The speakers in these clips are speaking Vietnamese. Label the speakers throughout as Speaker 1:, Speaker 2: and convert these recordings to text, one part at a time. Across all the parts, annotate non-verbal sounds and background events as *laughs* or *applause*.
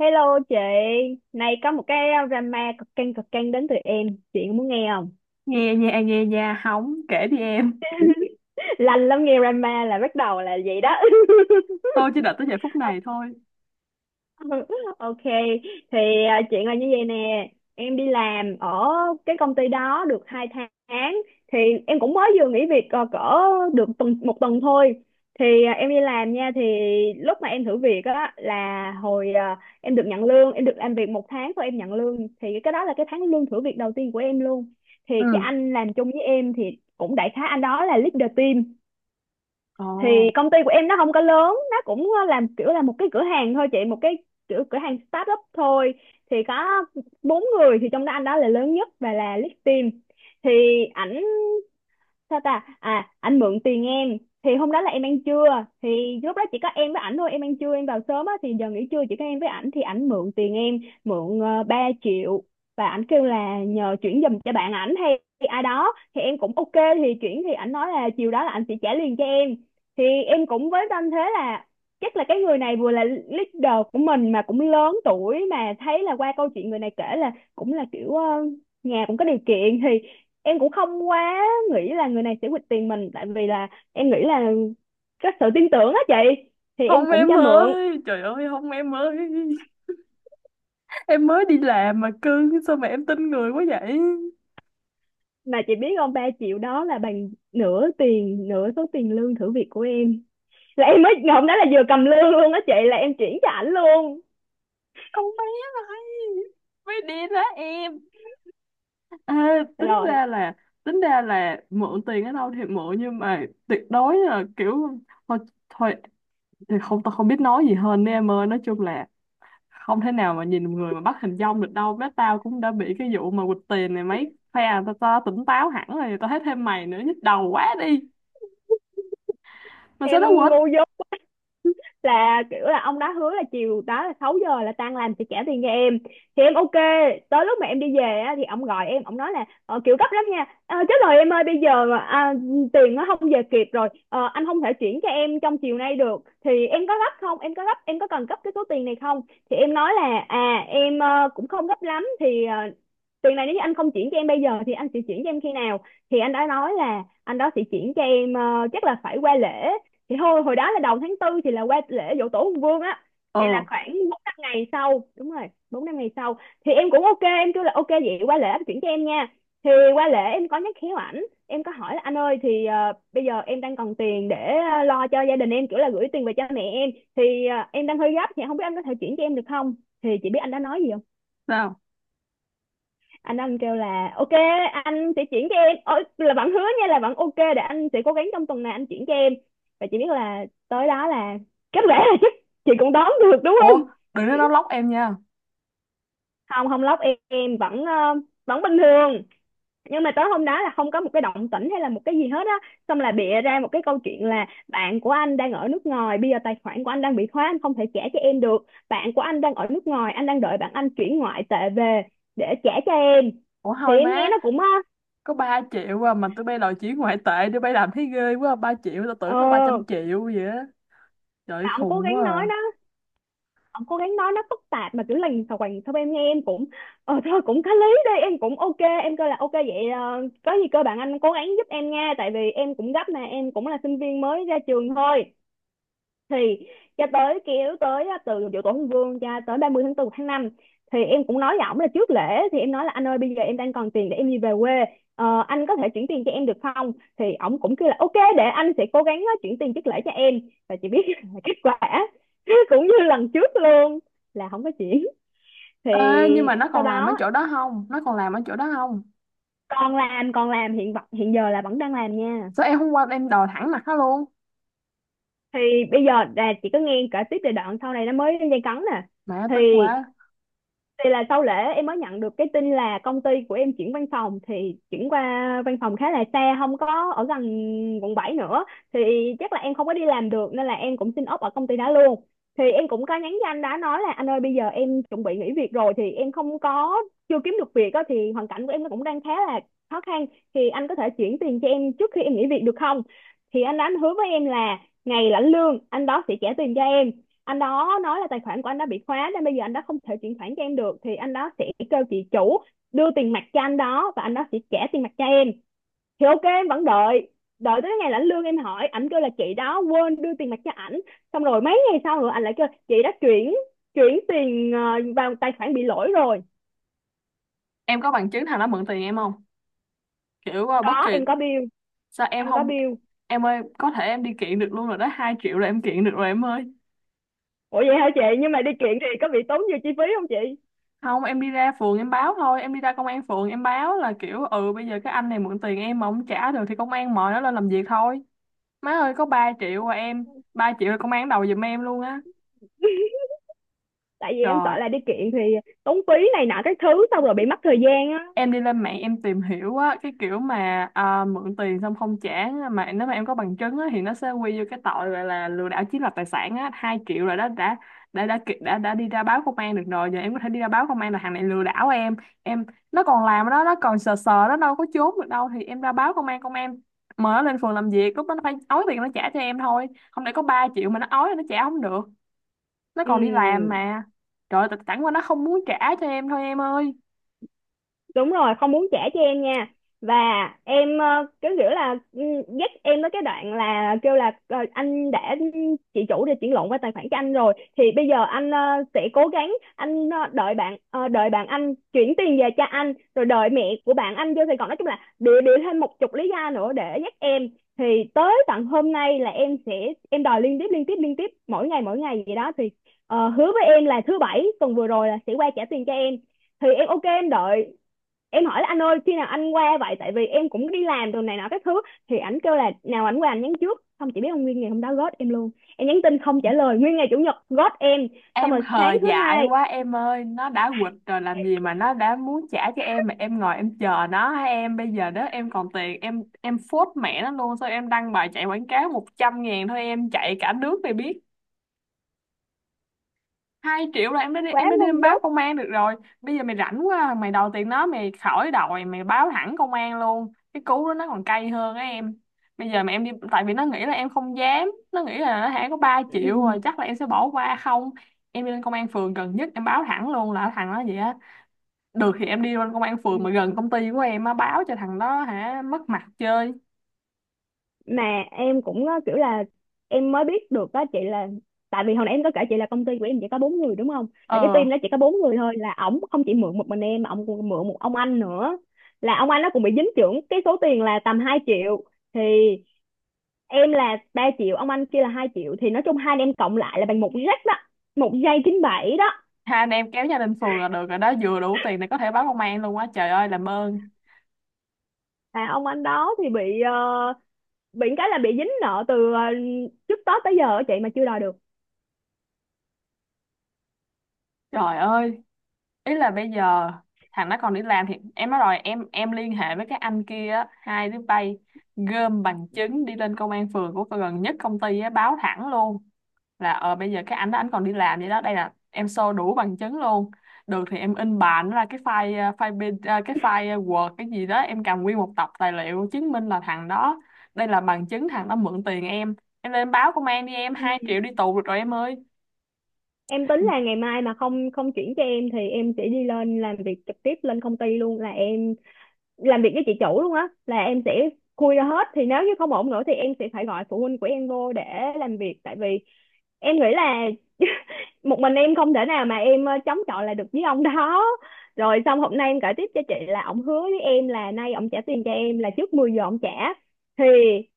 Speaker 1: Hello chị, nay có một cái drama cực căng đến từ em, chị muốn nghe không?
Speaker 2: Nghe nha, nghe nha, hóng, kể đi em.
Speaker 1: *laughs* Lành lắm nghe drama là bắt đầu là vậy đó. *laughs*
Speaker 2: Tôi chỉ đợi tới giây phút này thôi.
Speaker 1: *laughs* Ok, thì chuyện là như vậy nè, em đi làm ở cái công ty đó được 2 tháng, thì em cũng mới vừa nghỉ việc cỡ được một tuần thôi. Thì em đi làm nha, thì lúc mà em thử việc á là hồi em được nhận lương, em được làm việc 1 tháng thôi em nhận lương, thì cái đó là cái tháng lương thử việc đầu tiên của em luôn. Thì cái
Speaker 2: Ừ.
Speaker 1: anh làm chung với em thì cũng đại khái anh đó là leader team.
Speaker 2: Ồ,
Speaker 1: Thì công ty của em nó không có lớn, nó cũng làm kiểu là một cái cửa hàng thôi chị, một cái kiểu cửa hàng start up thôi, thì có 4 người, thì trong đó anh đó là lớn nhất và là lead team. Thì ảnh, sao ta, anh mượn tiền em. Thì hôm đó là em ăn trưa, thì lúc đó chỉ có em với ảnh thôi, em ăn trưa em vào sớm á, thì giờ nghỉ trưa chỉ có em với ảnh, thì ảnh mượn tiền em, mượn 3 triệu, và ảnh kêu là nhờ chuyển giùm cho bạn ảnh hay ai đó, thì em cũng ok thì chuyển, thì ảnh nói là chiều đó là ảnh sẽ trả liền cho em. Thì em cũng với tâm thế là chắc là cái người này vừa là leader của mình mà cũng lớn tuổi, mà thấy là qua câu chuyện người này kể là cũng là kiểu nhà cũng có điều kiện, thì em cũng không quá nghĩ là người này sẽ quỵt tiền mình, tại vì là em nghĩ là có sự tin tưởng á chị, thì em
Speaker 2: không
Speaker 1: cũng
Speaker 2: em
Speaker 1: cho mượn.
Speaker 2: ơi, trời ơi, không em ơi, em mới đi làm mà cưng, sao mà em tin người quá vậy.
Speaker 1: Mà chị biết không, 3 triệu đó là bằng nửa tiền, nửa số tiền lương thử việc của em, là em mới ngày hôm đó là vừa cầm lương luôn á chị, là em chuyển cho ảnh luôn.
Speaker 2: Con bé này mới đi đó em. Ê, tính
Speaker 1: Rồi
Speaker 2: ra là, tính ra là mượn tiền ở đâu thì mượn, nhưng mà tuyệt đối là kiểu thôi thôi thì không, tao không biết nói gì hơn nữa em ơi. Nói chung là không thể nào mà nhìn một người mà bắt hình dong được đâu bé. Tao cũng đã bị cái vụ mà quỵt tiền này mấy phe à, tao tỉnh táo hẳn rồi, tao thấy thêm mày nữa nhức đầu quá đi. Mà sao
Speaker 1: em
Speaker 2: nó quỵt?
Speaker 1: ngu dốt là kiểu là ông đó hứa là chiều đó là 6 giờ là tan làm sẽ trả tiền cho em, thì em ok. Tới lúc mà em đi về á, thì ông gọi em, ông nói là kiểu gấp lắm nha. Ờ, chết rồi em ơi, bây giờ tiền nó không về kịp rồi. Ờ, anh không thể chuyển cho em trong chiều nay được, thì em có gấp không, em có gấp em có cần gấp cái số tiền này không. Thì em nói là à em cũng không gấp lắm, thì tiền này nếu như anh không chuyển cho em bây giờ thì anh sẽ chuyển cho em khi nào. Thì anh đã nói là anh đó sẽ chuyển cho em, chắc là phải qua lễ. Thì thôi, hồi đó là đầu tháng 4, thì là qua lễ giỗ tổ Hùng Vương á, thì là
Speaker 2: ờ
Speaker 1: khoảng 4 5 ngày sau, đúng rồi 4 5 ngày sau. Thì em cũng ok, em kêu là ok vậy qua lễ anh chuyển cho em nha. Thì qua lễ em có nhắc khéo ảnh, em có hỏi là anh ơi thì bây giờ em đang cần tiền để lo cho gia đình em, kiểu là gửi tiền về cho mẹ em, thì em đang hơi gấp, thì không biết anh có thể chuyển cho em được không. Thì chị biết anh đã nói gì,
Speaker 2: Sao?
Speaker 1: anh kêu là ok anh sẽ chuyển cho em. Ôi, là bạn hứa nha, là bạn ok, để anh sẽ cố gắng trong tuần này anh chuyển cho em. Và chị biết là tới đó là kết quả là chắc *laughs* chị cũng đoán được đúng
Speaker 2: Ủa,
Speaker 1: không.
Speaker 2: đừng nói nó lóc em nha.
Speaker 1: Không không lóc em vẫn vẫn bình thường, nhưng mà tới hôm đó là không có một cái động tĩnh hay là một cái gì hết á. Xong là bịa ra một cái câu chuyện là bạn của anh đang ở nước ngoài, bây giờ tài khoản của anh đang bị khóa, anh không thể trả cho em được, bạn của anh đang ở nước ngoài, anh đang đợi bạn anh chuyển ngoại tệ về để trả cho em.
Speaker 2: Ủa
Speaker 1: Thì
Speaker 2: thôi
Speaker 1: em nghe
Speaker 2: má,
Speaker 1: nó cũng ờ,
Speaker 2: có 3 triệu à, mà tụi bay đòi chuyển ngoại tệ, tụi bay làm thấy ghê quá. Ba triệu tao tưởng
Speaker 1: ờ,
Speaker 2: nó 300 triệu vậy á. Trời ơi,
Speaker 1: ông cố
Speaker 2: khùng quá
Speaker 1: gắng
Speaker 2: à.
Speaker 1: nói đó, ông cố gắng nói nó phức tạp mà kiểu lằng xào quành sau, em nghe em cũng ờ thôi cũng có lý đi, em cũng ok, em kêu là ok vậy, có gì cơ bạn anh cố gắng giúp em nha, tại vì em cũng gấp nè, em cũng là sinh viên mới ra trường thôi. Thì cho tới kéo tới á, từ giỗ tổ Hùng Vương cho tới 30 tháng 4 một tháng 5, thì em cũng nói với ổng là trước lễ, thì em nói là anh ơi bây giờ em đang còn tiền để em đi về quê. Ờ, anh có thể chuyển tiền cho em được không. Thì ổng cũng kêu là ok, để anh sẽ cố gắng chuyển tiền trước lễ cho em. Và chị biết *laughs* là kết quả *laughs* cũng như lần trước luôn, là không có chuyển. Thì
Speaker 2: Ê, nhưng mà nó
Speaker 1: sau
Speaker 2: còn làm ở
Speaker 1: đó
Speaker 2: chỗ đó không, nó còn làm ở chỗ đó không?
Speaker 1: còn làm, còn làm hiện giờ là vẫn đang làm nha.
Speaker 2: Sao em hôm qua em đòi thẳng mặt nó luôn.
Speaker 1: Thì bây giờ là chị cứ nghe kể tiếp về đoạn sau này, nó mới lên dây cấn nè.
Speaker 2: Mẹ,
Speaker 1: thì
Speaker 2: tức quá.
Speaker 1: thì là sau lễ em mới nhận được cái tin là công ty của em chuyển văn phòng, thì chuyển qua văn phòng khá là xa, không có ở gần quận 7 nữa, thì chắc là em không có đi làm được, nên là em cũng xin ốp ở công ty đó luôn. Thì em cũng có nhắn cho anh đó, nói là anh ơi bây giờ em chuẩn bị nghỉ việc rồi, thì em không có chưa kiếm được việc á, thì hoàn cảnh của em nó cũng đang khá là khó khăn, thì anh có thể chuyển tiền cho em trước khi em nghỉ việc được không. Thì anh đó anh hứa với em là ngày lãnh lương anh đó sẽ trả tiền cho em. Anh đó nói là tài khoản của anh đã bị khóa nên bây giờ anh đó không thể chuyển khoản cho em được, thì anh đó sẽ kêu chị chủ đưa tiền mặt cho anh đó và anh đó sẽ trả tiền mặt cho em. Thì ok em vẫn đợi. Đợi tới ngày lãnh lương em hỏi, ảnh kêu là chị đó quên đưa tiền mặt cho ảnh, xong rồi mấy ngày sau rồi anh lại kêu chị đã chuyển chuyển tiền vào tài khoản bị lỗi rồi.
Speaker 2: Em có bằng chứng thằng nó mượn tiền em không? Kiểu bất
Speaker 1: Có,
Speaker 2: kỳ.
Speaker 1: em có bill,
Speaker 2: Sao em
Speaker 1: em có
Speaker 2: không?
Speaker 1: bill.
Speaker 2: Em ơi, có thể em đi kiện được luôn rồi đó, 2 triệu là em kiện được rồi em ơi.
Speaker 1: Ủa vậy hả chị, nhưng mà đi kiện thì có bị tốn nhiều chi phí không chị?
Speaker 2: Không, em đi ra phường em báo thôi, em đi ra công an phường em báo là kiểu ừ bây giờ cái anh này mượn tiền em mà không trả được, thì công an mời nó lên làm việc thôi. Má ơi, có 3 triệu mà, em 3 triệu là công an đầu giùm em luôn á.
Speaker 1: *laughs* Tại vì em sợ
Speaker 2: Trời,
Speaker 1: là đi kiện thì tốn phí này nọ các thứ, xong rồi bị mất thời gian á.
Speaker 2: em đi lên mạng em tìm hiểu á, cái kiểu mà mượn tiền xong không trả, mà nếu mà em có bằng chứng á, thì nó sẽ quy vô cái tội gọi là lừa đảo chiếm đoạt tài sản á. 2 triệu rồi đó, đã, đã đi ra báo công an được rồi. Giờ em có thể đi ra báo công an là thằng này lừa đảo em. Em, nó còn làm đó, nó còn sờ sờ, nó đâu có trốn được đâu. Thì em ra báo công an, công an mời nó lên phường làm việc, lúc đó nó phải ói tiền nó trả cho em thôi. Không để có 3 triệu mà nó ói là nó trả không được. Nó
Speaker 1: Ừ
Speaker 2: còn đi làm mà. Trời ơi, tại- chẳng qua nó không muốn trả cho em thôi em ơi.
Speaker 1: đúng rồi, không muốn trả cho em nha. Và em cái kiểu là ừ, dắt em tới cái đoạn là kêu là anh đã, chị chủ đã chuyển lộn qua tài khoản cho anh rồi, thì bây giờ anh sẽ cố gắng, anh đợi bạn, đợi bạn anh chuyển tiền về cho anh, rồi đợi mẹ của bạn anh vô Sài Gòn, nói chung là đưa đưa thêm một chục lý do nữa để dắt em. Thì tới tận hôm nay là em sẽ em đòi liên tiếp liên tiếp liên tiếp mỗi ngày vậy đó, thì hứa với em là thứ bảy tuần vừa rồi là sẽ qua trả tiền cho em. Thì em ok em đợi, em hỏi là anh ơi khi nào anh qua vậy, tại vì em cũng đi làm đồ này nọ các thứ. Thì ảnh kêu là nào ảnh qua anh nhắn trước, không chỉ biết ông nguyên ngày hôm đó ghost em luôn, em nhắn tin không trả lời, nguyên ngày chủ nhật ghost em. Xong
Speaker 2: Em
Speaker 1: rồi
Speaker 2: hờ
Speaker 1: sáng thứ
Speaker 2: dại
Speaker 1: hai.
Speaker 2: quá em ơi, nó đã quỵt rồi làm gì mà nó đã muốn trả cho em, mà em ngồi em chờ nó hả em? Bây giờ đó em còn tiền, em phốt mẹ nó luôn, sao em đăng bài chạy quảng cáo 100 ngàn thôi em chạy cả nước này biết. Hai triệu là em đã đi,
Speaker 1: Quá
Speaker 2: em đã đi
Speaker 1: ngu
Speaker 2: em báo
Speaker 1: dốt.
Speaker 2: công an được rồi. Bây giờ mày rảnh quá à, mày đòi tiền nó mày khỏi đòi, mày báo thẳng công an luôn, cái cú đó nó còn cay hơn á em. Bây giờ mà em đi, tại vì nó nghĩ là em không dám, nó nghĩ là nó hả có 3 triệu rồi
Speaker 1: *laughs*
Speaker 2: chắc là em sẽ bỏ qua không. Em đi lên công an phường gần nhất em báo thẳng luôn là thằng đó vậy á. Được thì em đi lên công an phường mà
Speaker 1: *clears throat*
Speaker 2: gần công ty của em á, báo cho thằng đó hả mất mặt chơi.
Speaker 1: Mà em cũng kiểu là em mới biết được đó chị, là tại vì hồi nãy em có kể chị là công ty của em chỉ có 4 người đúng không, là cái
Speaker 2: ờ
Speaker 1: team đó chỉ có 4 người thôi, là ổng không chỉ mượn một mình em mà ổng còn mượn một ông anh nữa, là ông anh nó cũng bị dính trưởng cái số tiền là tầm 2 triệu. Thì em là 3 triệu, ông anh kia là 2 triệu, thì nói chung hai anh em cộng lại là bằng một jack đó, 1.97 đó.
Speaker 2: Hai anh em kéo nhau lên phường là được rồi đó, vừa đủ tiền để có thể báo công an luôn á. Trời ơi, làm ơn.
Speaker 1: Và ông anh đó thì bị bị cái là bị dính nợ từ trước Tết tới giờ á chị, mà chưa đòi được.
Speaker 2: Trời ơi, ý là bây giờ thằng nó còn đi làm, thì em nói rồi, em liên hệ với các anh kia á, hai đứa bay gom bằng chứng đi lên công an phường của gần nhất công ty á, báo thẳng luôn là ờ bây giờ cái anh đó anh còn đi làm vậy đó, đây là em show đủ bằng chứng luôn. Được thì em in bản ra cái file file bên- cái file Word cái gì đó, em cầm nguyên một tập tài liệu chứng minh là thằng đó, đây là bằng chứng thằng đó mượn tiền em. Em lên báo công an đi em, 2 triệu đi tù được rồi em ơi.
Speaker 1: Em tính là ngày mai mà không, không chuyển cho em thì em sẽ đi lên làm việc trực tiếp lên công ty luôn, là em làm việc với chị chủ luôn á, là em sẽ khui ra hết. Thì nếu như không ổn nữa thì em sẽ phải gọi phụ huynh của em vô để làm việc, tại vì em nghĩ là một mình em không thể nào mà em chống chọi lại được với ông đó. Rồi xong hôm nay em kể tiếp cho chị là ổng hứa với em là nay ổng trả tiền cho em là trước 10 giờ ổng trả. Thì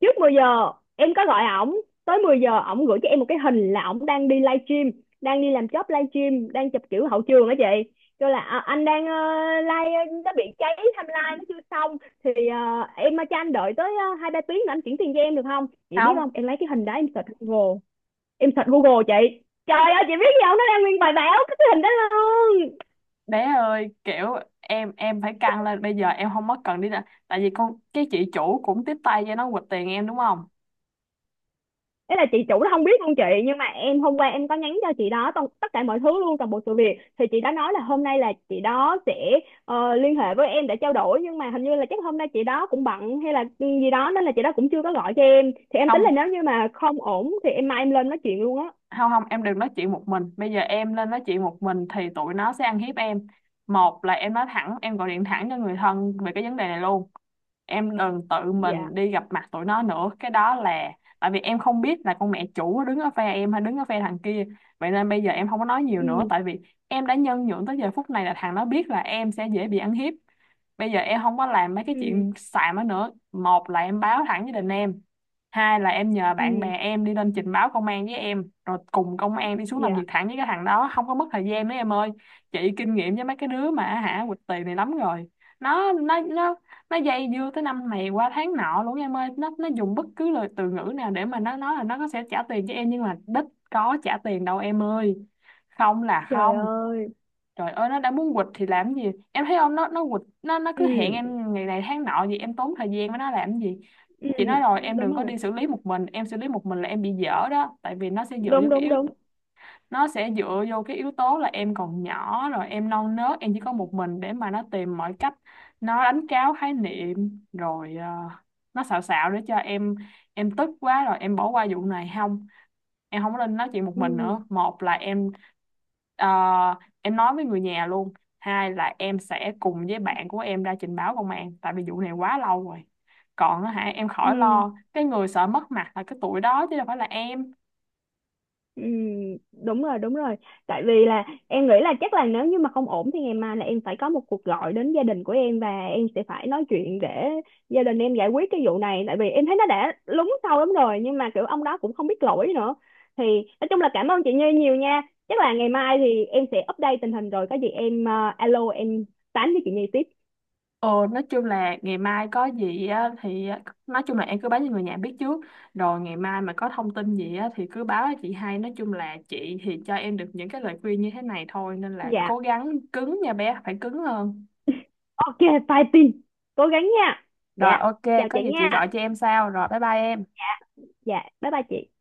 Speaker 1: trước 10 giờ em có gọi ổng, tới 10 giờ ổng gửi cho em một cái hình là ổng đang đi livestream, đang đi làm job livestream, đang chụp kiểu hậu trường á chị, kêu là "À, anh đang live nó bị cháy timeline nó chưa xong, thì em cho anh đợi tới 2 3 tiếng nữa anh chuyển tiền cho em được không". Chị biết không,
Speaker 2: Không
Speaker 1: em lấy cái hình đó em search Google, em search Google chị, trời ơi chị biết gì không, nó đang nguyên bài báo cái hình đó luôn.
Speaker 2: bé ơi, kiểu em phải căng lên, bây giờ em không mất cần đi, là tại vì con cái chị chủ cũng tiếp tay cho nó quỵt tiền em đúng không?
Speaker 1: Ấy là chị chủ nó không biết luôn chị, nhưng mà em hôm qua em có nhắn cho chị đó tất cả mọi thứ luôn, toàn bộ sự việc, thì chị đã nói là hôm nay là chị đó sẽ liên hệ với em để trao đổi, nhưng mà hình như là chắc hôm nay chị đó cũng bận hay là gì đó nên là chị đó cũng chưa có gọi cho em. Thì em tính là
Speaker 2: Không
Speaker 1: nếu như mà không ổn thì em mai em lên nói chuyện luôn á.
Speaker 2: không, không em đừng nói chuyện một mình, bây giờ em lên nói chuyện một mình thì tụi nó sẽ ăn hiếp em. Một là em nói thẳng, em gọi điện thẳng cho người thân về cái vấn đề này luôn. Em đừng tự
Speaker 1: Dạ.
Speaker 2: mình đi gặp mặt tụi nó nữa, cái đó là tại vì em không biết là con mẹ chủ đứng ở phe em hay đứng ở phe thằng kia. Vậy nên bây giờ em không có nói nhiều
Speaker 1: Ừ.
Speaker 2: nữa, tại vì em đã nhân nhượng tới giờ phút này là thằng nó biết là em sẽ dễ bị ăn hiếp. Bây giờ em không có làm mấy cái
Speaker 1: Ừ.
Speaker 2: chuyện xàm đó nữa, một là em báo thẳng với đình em, hai là em nhờ bạn
Speaker 1: Ừ.
Speaker 2: bè em đi lên trình báo công an với em, rồi cùng công an đi xuống làm việc
Speaker 1: Dạ.
Speaker 2: thẳng với cái thằng đó, không có mất thời gian nữa em ơi. Chị kinh nghiệm với mấy cái đứa mà hả quỵt tiền này lắm rồi. Nó nó dây dưa tới năm này qua tháng nọ luôn em ơi, nó dùng bất cứ lời từ ngữ nào để mà nó nói là nó có sẽ trả tiền cho em, nhưng mà đích có trả tiền đâu em ơi. Không là
Speaker 1: Trời
Speaker 2: không.
Speaker 1: ơi.
Speaker 2: Trời ơi, nó đã muốn quỵt thì làm gì. Em thấy không, nó nó quỵt, nó
Speaker 1: Ừ.
Speaker 2: cứ hẹn em ngày này tháng nọ gì, em tốn thời gian với nó làm gì.
Speaker 1: Ừ
Speaker 2: Chị nói rồi, em
Speaker 1: đúng
Speaker 2: đừng có
Speaker 1: rồi.
Speaker 2: đi xử lý một mình. Em xử lý một mình là em bị dở đó, tại vì nó sẽ dựa vô
Speaker 1: Đúng
Speaker 2: cái
Speaker 1: đúng
Speaker 2: yếu.
Speaker 1: đúng.
Speaker 2: Nó sẽ dựa vô cái yếu tố là em còn nhỏ, rồi em non nớt, em chỉ có một mình, để mà nó tìm mọi cách. Nó đánh tráo khái niệm, rồi nó xạo xạo để cho em tức quá rồi em bỏ qua vụ này. Không, em không có nên nói chuyện một mình
Speaker 1: Ừ.
Speaker 2: nữa, một là em ờ, em nói với người nhà luôn, hai là em sẽ cùng với bạn của em ra trình báo công an, tại vì vụ này quá lâu rồi. Còn á hả, em khỏi
Speaker 1: Ừ.
Speaker 2: lo, cái người sợ mất mặt là cái tuổi đó chứ đâu phải là em.
Speaker 1: Ừ, đúng rồi đúng rồi. Tại vì là em nghĩ là chắc là nếu như mà không ổn thì ngày mai là em phải có một cuộc gọi đến gia đình của em và em sẽ phải nói chuyện để gia đình em giải quyết cái vụ này, tại vì em thấy nó đã lúng sâu lắm rồi, nhưng mà kiểu ông đó cũng không biết lỗi nữa. Thì nói chung là cảm ơn chị Như nhiều nha. Chắc là ngày mai thì em sẽ update tình hình, rồi có gì em alo em tán với chị Như tiếp.
Speaker 2: Ờ nói chung là ngày mai có gì á, thì á, nói chung là em cứ báo cho người nhà biết trước. Rồi ngày mai mà có thông tin gì á, thì cứ báo cho chị hay. Nói chung là chị thì cho em được những cái lời khuyên như thế này thôi, nên là
Speaker 1: Dạ
Speaker 2: cố gắng cứng nha bé, phải cứng hơn.
Speaker 1: ok, bye Tin, cố gắng nha.
Speaker 2: Rồi,
Speaker 1: Dạ,
Speaker 2: ok,
Speaker 1: chào
Speaker 2: có
Speaker 1: chị
Speaker 2: gì chị
Speaker 1: nha.
Speaker 2: gọi cho em sau. Rồi bye bye em.
Speaker 1: Dạ, bye bye chị.